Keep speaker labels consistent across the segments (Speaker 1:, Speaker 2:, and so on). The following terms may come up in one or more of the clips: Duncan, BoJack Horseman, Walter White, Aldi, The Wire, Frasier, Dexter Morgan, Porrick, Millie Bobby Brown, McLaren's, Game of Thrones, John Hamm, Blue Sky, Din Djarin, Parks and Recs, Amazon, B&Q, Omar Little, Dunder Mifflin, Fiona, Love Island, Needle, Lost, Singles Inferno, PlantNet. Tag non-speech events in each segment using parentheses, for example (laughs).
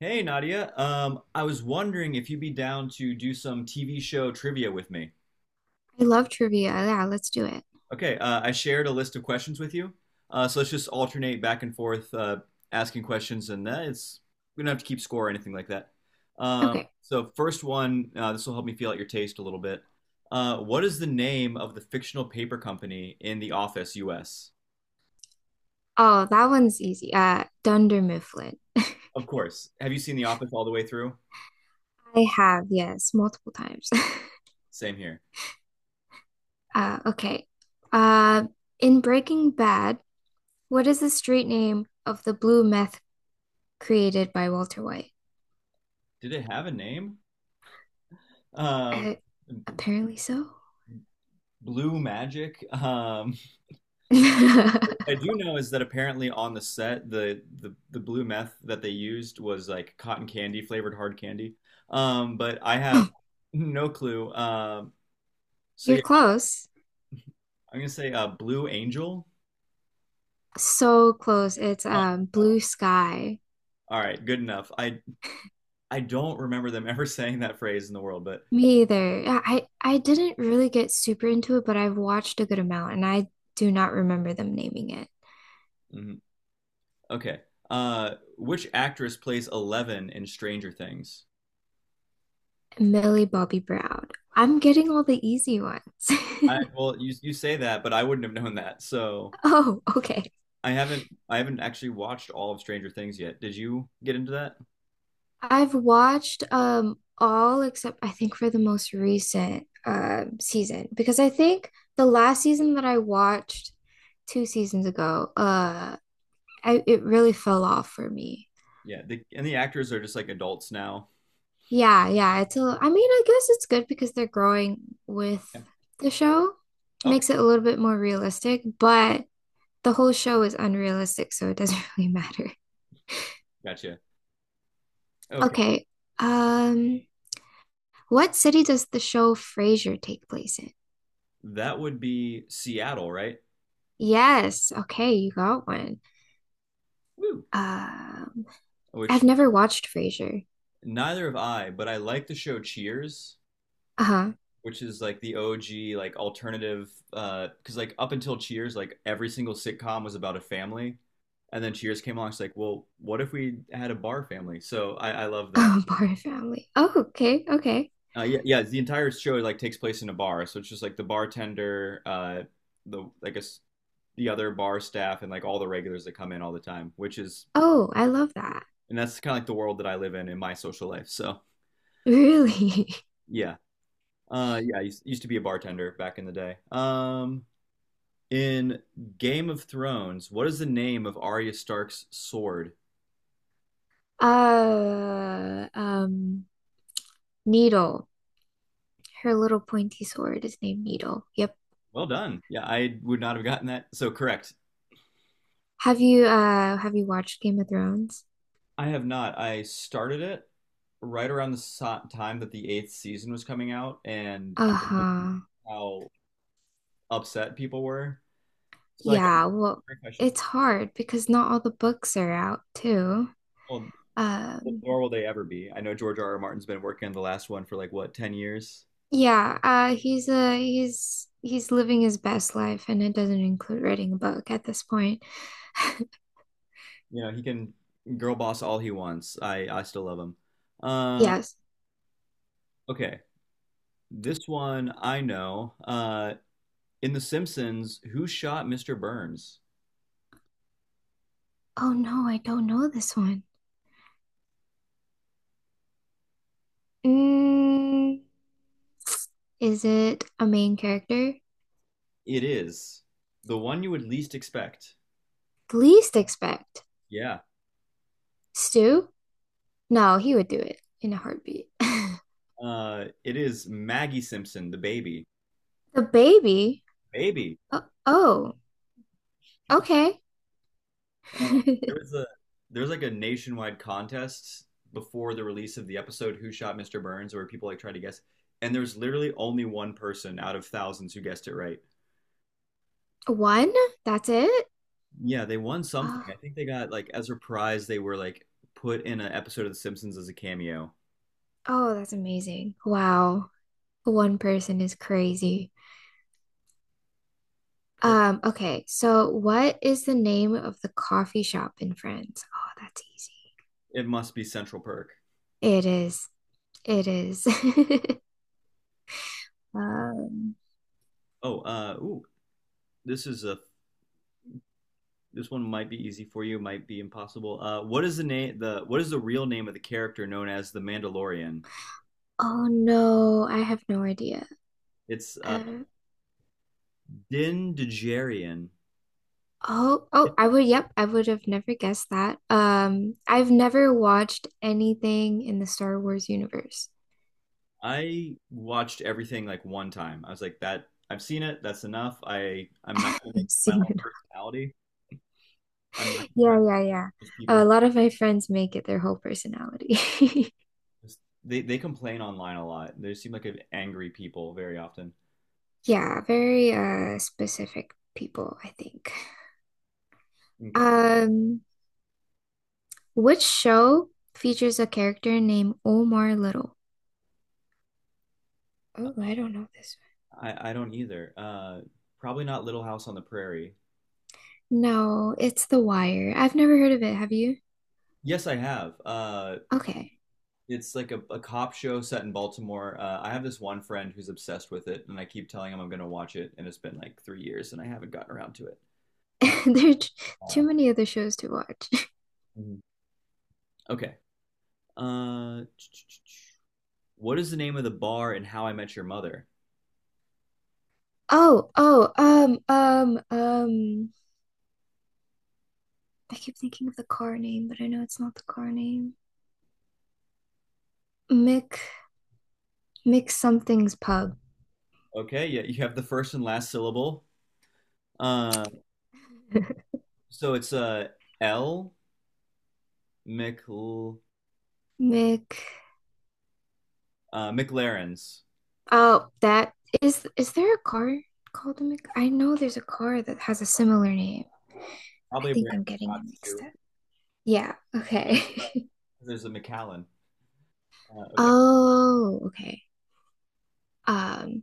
Speaker 1: Hey Nadia, I was wondering if you'd be down to do some TV show trivia with me.
Speaker 2: I love trivia. Yeah, let's do it.
Speaker 1: Okay, I shared a list of questions with you, so let's just alternate back and forth asking questions, and that it's we don't have to keep score or anything like that. Um,
Speaker 2: Okay.
Speaker 1: so first one, this will help me feel out your taste a little bit. What is the name of the fictional paper company in The Office, U.S.?
Speaker 2: Oh, that one's easy. Dunder Mifflin.
Speaker 1: Of course. Have you seen The Office all the way through?
Speaker 2: I have, yes, multiple times. (laughs)
Speaker 1: Same here.
Speaker 2: Okay. Uh, in Breaking Bad, what is the street name of the blue meth created by Walter White?
Speaker 1: Did it have a name? Um.
Speaker 2: Uh, Apparently so.
Speaker 1: Blue Magic.
Speaker 2: (laughs)
Speaker 1: I do know is that apparently on the set, the blue meth that they used was like cotton candy flavored hard candy. But I have no clue. Um, so
Speaker 2: You're
Speaker 1: yeah,
Speaker 2: close.
Speaker 1: I'm gonna say Blue Angel.
Speaker 2: So close. It's
Speaker 1: Oh, no.
Speaker 2: Blue Sky.
Speaker 1: All right, good enough. I don't remember them (laughs) ever saying that phrase in the world, but
Speaker 2: Me either. Yeah, I didn't really get super into it, but I've watched a good amount and I do not remember them naming it.
Speaker 1: mhm. Okay. Which actress plays 11 in Stranger Things?
Speaker 2: Millie Bobby Brown. I'm getting all the easy ones.
Speaker 1: I,
Speaker 2: (laughs)
Speaker 1: well, you say that, but I wouldn't have known that. So
Speaker 2: Oh, okay.
Speaker 1: I haven't actually watched all of Stranger Things yet. Did you get into that?
Speaker 2: I've watched all except I think for the most recent season because I think the last season that I watched two seasons ago, I, it really fell off for me.
Speaker 1: Yeah, and the actors are just like adults now.
Speaker 2: Yeah, yeah, it's a, I mean, I guess it's good because they're growing with
Speaker 1: Yeah.
Speaker 2: the show.
Speaker 1: Okay,
Speaker 2: Makes it a little bit more realistic, but the whole show is unrealistic, so it doesn't (laughs) really matter.
Speaker 1: gotcha. Okay,
Speaker 2: Okay. Um, what city does the show Frasier take place in?
Speaker 1: that would be Seattle, right?
Speaker 2: Yes. Okay, you got one.
Speaker 1: Woo.
Speaker 2: Um, I've
Speaker 1: Which
Speaker 2: never watched Frasier.
Speaker 1: neither have I, but I like the show Cheers,
Speaker 2: Uh-huh.
Speaker 1: which is like the OG like alternative. Because like up until Cheers, like every single sitcom was about a family, and then Cheers came along. It's like, well, what if we had a bar family? So I love that.
Speaker 2: Oh, (laughs) Barn Family. Oh, okay, okay.
Speaker 1: Yeah, yeah. The entire show like takes place in a bar, so it's just like the bartender, the I guess the other bar staff and like all the regulars that come in all the time, which is
Speaker 2: Oh, I love that.
Speaker 1: and that's kind of like the world that I live in my social life. So
Speaker 2: Really? (laughs)
Speaker 1: yeah, yeah, I used to be a bartender back in the day. In Game of Thrones, what is the name of Arya Stark's sword?
Speaker 2: Uh, um, Needle. Her little pointy sword is named Needle. Yep.
Speaker 1: Well done. Yeah, I would not have gotten that. So correct.
Speaker 2: Have you watched Game of Thrones?
Speaker 1: I have not. I started it right around the time that the eighth season was coming out, and I know
Speaker 2: Uh-huh.
Speaker 1: how upset people were. So like, I
Speaker 2: Yeah, well,
Speaker 1: wonder if I should.
Speaker 2: it's hard because not all the books are out too.
Speaker 1: Well,
Speaker 2: Um,
Speaker 1: nor will they ever be. I know George R. R. Martin's been working on the last one for like what, 10 years?
Speaker 2: yeah, he's he's living his best life, and it doesn't include writing a book at this point. (laughs)
Speaker 1: You know, he can girl boss all he wants. I still love him. Um,
Speaker 2: Yes.
Speaker 1: okay. This one I know. In The Simpsons, who shot Mr. Burns?
Speaker 2: Oh no, I don't know this one. Mm, is it a main character?
Speaker 1: It is the one you would least expect.
Speaker 2: Least expect.
Speaker 1: Yeah.
Speaker 2: Stu? No, he would do it in a heartbeat. (laughs)
Speaker 1: It is Maggie Simpson, the baby.
Speaker 2: The baby?
Speaker 1: Baby.
Speaker 2: Oh, oh, okay.
Speaker 1: Uh. There
Speaker 2: (laughs)
Speaker 1: was a there was like a nationwide contest before the release of the episode Who Shot Mr. Burns where people like tried to guess and there's literally only one person out of thousands who guessed it right.
Speaker 2: One? That's it?
Speaker 1: Yeah, they won something.
Speaker 2: Uh,
Speaker 1: I think they got like as a prize they were like put in an episode of The Simpsons as a cameo.
Speaker 2: Oh, that's amazing. Wow. One person is crazy.
Speaker 1: Oh.
Speaker 2: Okay, so what is the name of the coffee shop in France? Oh, that's
Speaker 1: It must be Central Perk.
Speaker 2: easy. It is. It is. (laughs) Um,
Speaker 1: Oh, ooh, this is a this one might be easy for you, might be impossible. What is the name the what is the real name of the character known as the Mandalorian?
Speaker 2: oh no, I have no idea.
Speaker 1: It's
Speaker 2: Uh,
Speaker 1: Din Djarin.
Speaker 2: oh, I would, yep, I would have never guessed that. I've never watched anything in the Star Wars universe.
Speaker 1: I watched everything like one time. I was like, that I've seen it. That's enough. I
Speaker 2: (laughs)
Speaker 1: I'm not gonna make
Speaker 2: I've
Speaker 1: it my
Speaker 2: seen
Speaker 1: whole
Speaker 2: it.
Speaker 1: personality. I'm not
Speaker 2: (laughs)
Speaker 1: gonna
Speaker 2: Yeah, yeah, yeah.
Speaker 1: just
Speaker 2: A
Speaker 1: people
Speaker 2: lot of my friends make it their whole personality. (laughs)
Speaker 1: who just they complain online a lot. They seem like angry people very often.
Speaker 2: Yeah, very specific people, I think.
Speaker 1: Okay,
Speaker 2: Um, which show features a character named Omar Little? Oh, I don't know this
Speaker 1: I don't either. Probably not Little House on the Prairie.
Speaker 2: one. No, it's The Wire. I've never heard of it, have you?
Speaker 1: Yes, I have.
Speaker 2: Okay.
Speaker 1: It's like a cop show set in Baltimore. I have this one friend who's obsessed with it, and I keep telling him I'm gonna watch it, and it's been like 3 years, and I haven't gotten around to it. Uh,
Speaker 2: (laughs) There are t-
Speaker 1: I
Speaker 2: Too
Speaker 1: don't
Speaker 2: many other shows to watch. (laughs)
Speaker 1: know. Mhm. Okay. Uh, what is the name of the bar in How I Met Your Mother?
Speaker 2: Oh, oh, um, um, um, I keep thinking of the car name, but I know it's not the car name. Mick, Mick something's pub.
Speaker 1: Okay, yeah, you have the first and last syllable. Uh, so it's L Mc
Speaker 2: (laughs) Mick.
Speaker 1: McLaren's.
Speaker 2: Oh, that is there a car called a Mc, I know there's a car that has a similar name. I
Speaker 1: Probably a brand
Speaker 2: think I'm
Speaker 1: of
Speaker 2: getting it
Speaker 1: Scots
Speaker 2: mixed
Speaker 1: too.
Speaker 2: up. Yeah, okay.
Speaker 1: Uh.
Speaker 2: (laughs)
Speaker 1: There's a McAllen. Okay,
Speaker 2: Oh, okay. Um,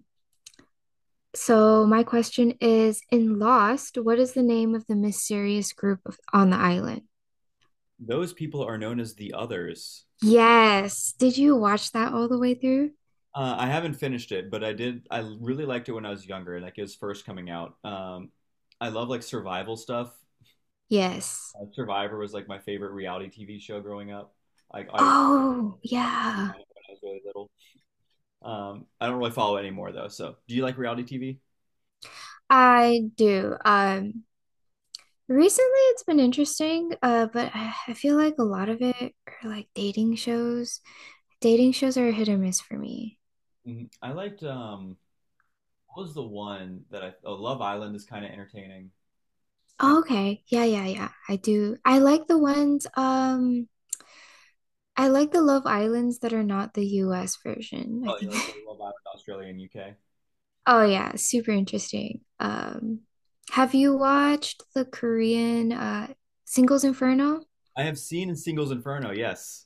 Speaker 2: so my question is, in Lost, what is the name of the mysterious group of, on the island?
Speaker 1: those people are known as the others.
Speaker 2: Yes. Did you watch that all the way through?
Speaker 1: I haven't finished it, but I did. I really liked it when I was younger, like it was first coming out. I love like survival stuff.
Speaker 2: Yes.
Speaker 1: Survivor was like my favorite reality TV show growing up. I, I
Speaker 2: Oh, yeah.
Speaker 1: I really little. I don't really follow it anymore though. So, do you like reality TV?
Speaker 2: I do. Recently, it's been interesting, but I feel like a lot of it are like dating shows. Dating shows are a hit or miss for me.
Speaker 1: Mhm. I liked what was the one that I? Oh, Love Island is kind of entertaining. And
Speaker 2: Oh, okay. Yeah, yeah, yeah. I do. I like the ones, I like the Love Islands that are not the US version, I
Speaker 1: oh, you
Speaker 2: think.
Speaker 1: like
Speaker 2: (laughs)
Speaker 1: Love Island, Australia and UK?
Speaker 2: Oh yeah, super interesting. Have you watched the Korean Singles Inferno?
Speaker 1: I have seen Singles Inferno. Yes,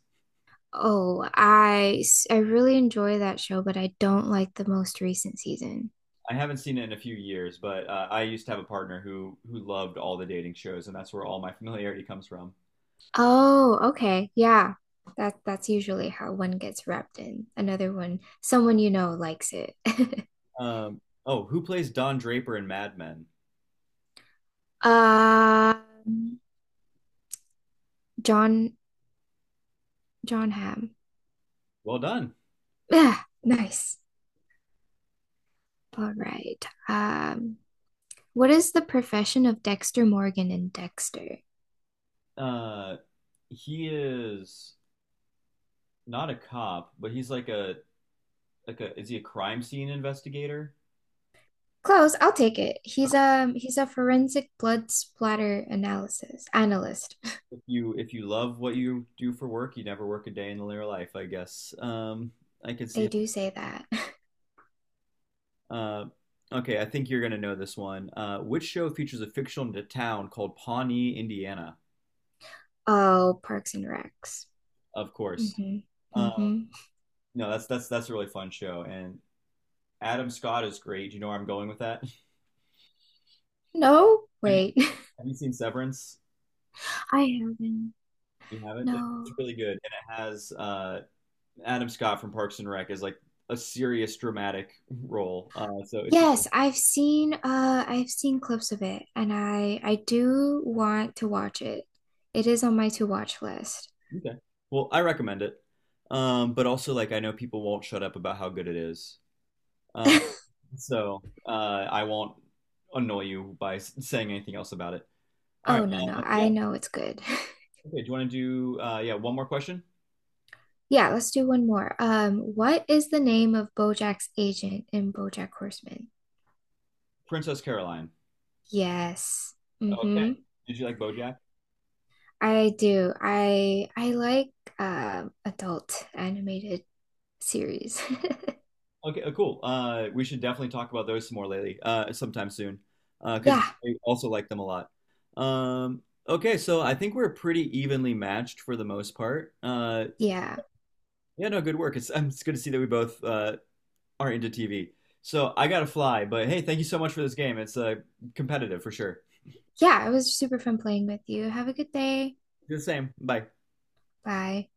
Speaker 2: I really enjoy that show, but I don't like the most recent season.
Speaker 1: I haven't seen it in a few years, but I used to have a partner who loved all the dating shows, and that's where all my (laughs) familiarity comes from.
Speaker 2: Oh, okay. Yeah. That that's usually how one gets wrapped in. Another one, someone you know likes it. (laughs)
Speaker 1: Um, oh, who plays Don Draper in Mad Men?
Speaker 2: Um, John John Hamm.
Speaker 1: Well done.
Speaker 2: Yeah, nice. All right. What is the profession of Dexter Morgan in Dexter?
Speaker 1: Uh, he is not a cop, but he's like a is he a crime scene investigator?
Speaker 2: Close, I'll take it. He's a forensic blood splatter analysis analyst.
Speaker 1: If you love what you do for work, you never work a day in your life, I guess. I can
Speaker 2: (laughs)
Speaker 1: see.
Speaker 2: They do say that. (laughs)
Speaker 1: Uh, okay, I think you're gonna know this one. Which show features a fictional town called Pawnee, Indiana?
Speaker 2: Oh, Parks and Recs.
Speaker 1: Of course.
Speaker 2: Mm-hmm.
Speaker 1: Uh,
Speaker 2: Mm-hmm.
Speaker 1: no, that's a really fun show, and Adam Scott is great. Do you know where I'm going with that? (laughs)
Speaker 2: No,
Speaker 1: have, you,
Speaker 2: wait. (laughs)
Speaker 1: have you seen Severance?
Speaker 2: I haven't.
Speaker 1: You haven't?
Speaker 2: No.
Speaker 1: It's really good, and it has Adam Scott from Parks and Rec as like a serious dramatic role. So it's really
Speaker 2: Yes, I've seen clips of it and I do want to watch it. It is on my to watch list.
Speaker 1: Okay. Well, I recommend it. But also like I know people won't shut up about how good it is. Uh,
Speaker 2: (laughs)
Speaker 1: so I won't annoy you by saying anything else about it. All
Speaker 2: Oh
Speaker 1: right.
Speaker 2: no no,
Speaker 1: Yeah.
Speaker 2: I know it's good. (laughs)
Speaker 1: Okay. Do you want to do yeah, one more question?
Speaker 2: Yeah, let's do one more. What is the name of BoJack's agent in BoJack Horseman?
Speaker 1: Princess Caroline.
Speaker 2: Yes.
Speaker 1: Okay.
Speaker 2: Mm-hmm.
Speaker 1: Did you like BoJack?
Speaker 2: I do. I like adult animated series. (laughs)
Speaker 1: Okay, cool. We should definitely talk about those some more lately, sometime soon, Uh because
Speaker 2: Yeah,
Speaker 1: I also like them a lot. Um, okay, so I think we're pretty evenly matched for the most part. Uh.
Speaker 2: yeah.
Speaker 1: Yeah, no, good work. It's good to see that we both are into TV. So I gotta fly, but hey, thank you so much for this game. It's competitive for sure.
Speaker 2: Yeah, it was super fun playing with you. Have a good day.
Speaker 1: Do the same. Bye.
Speaker 2: Bye.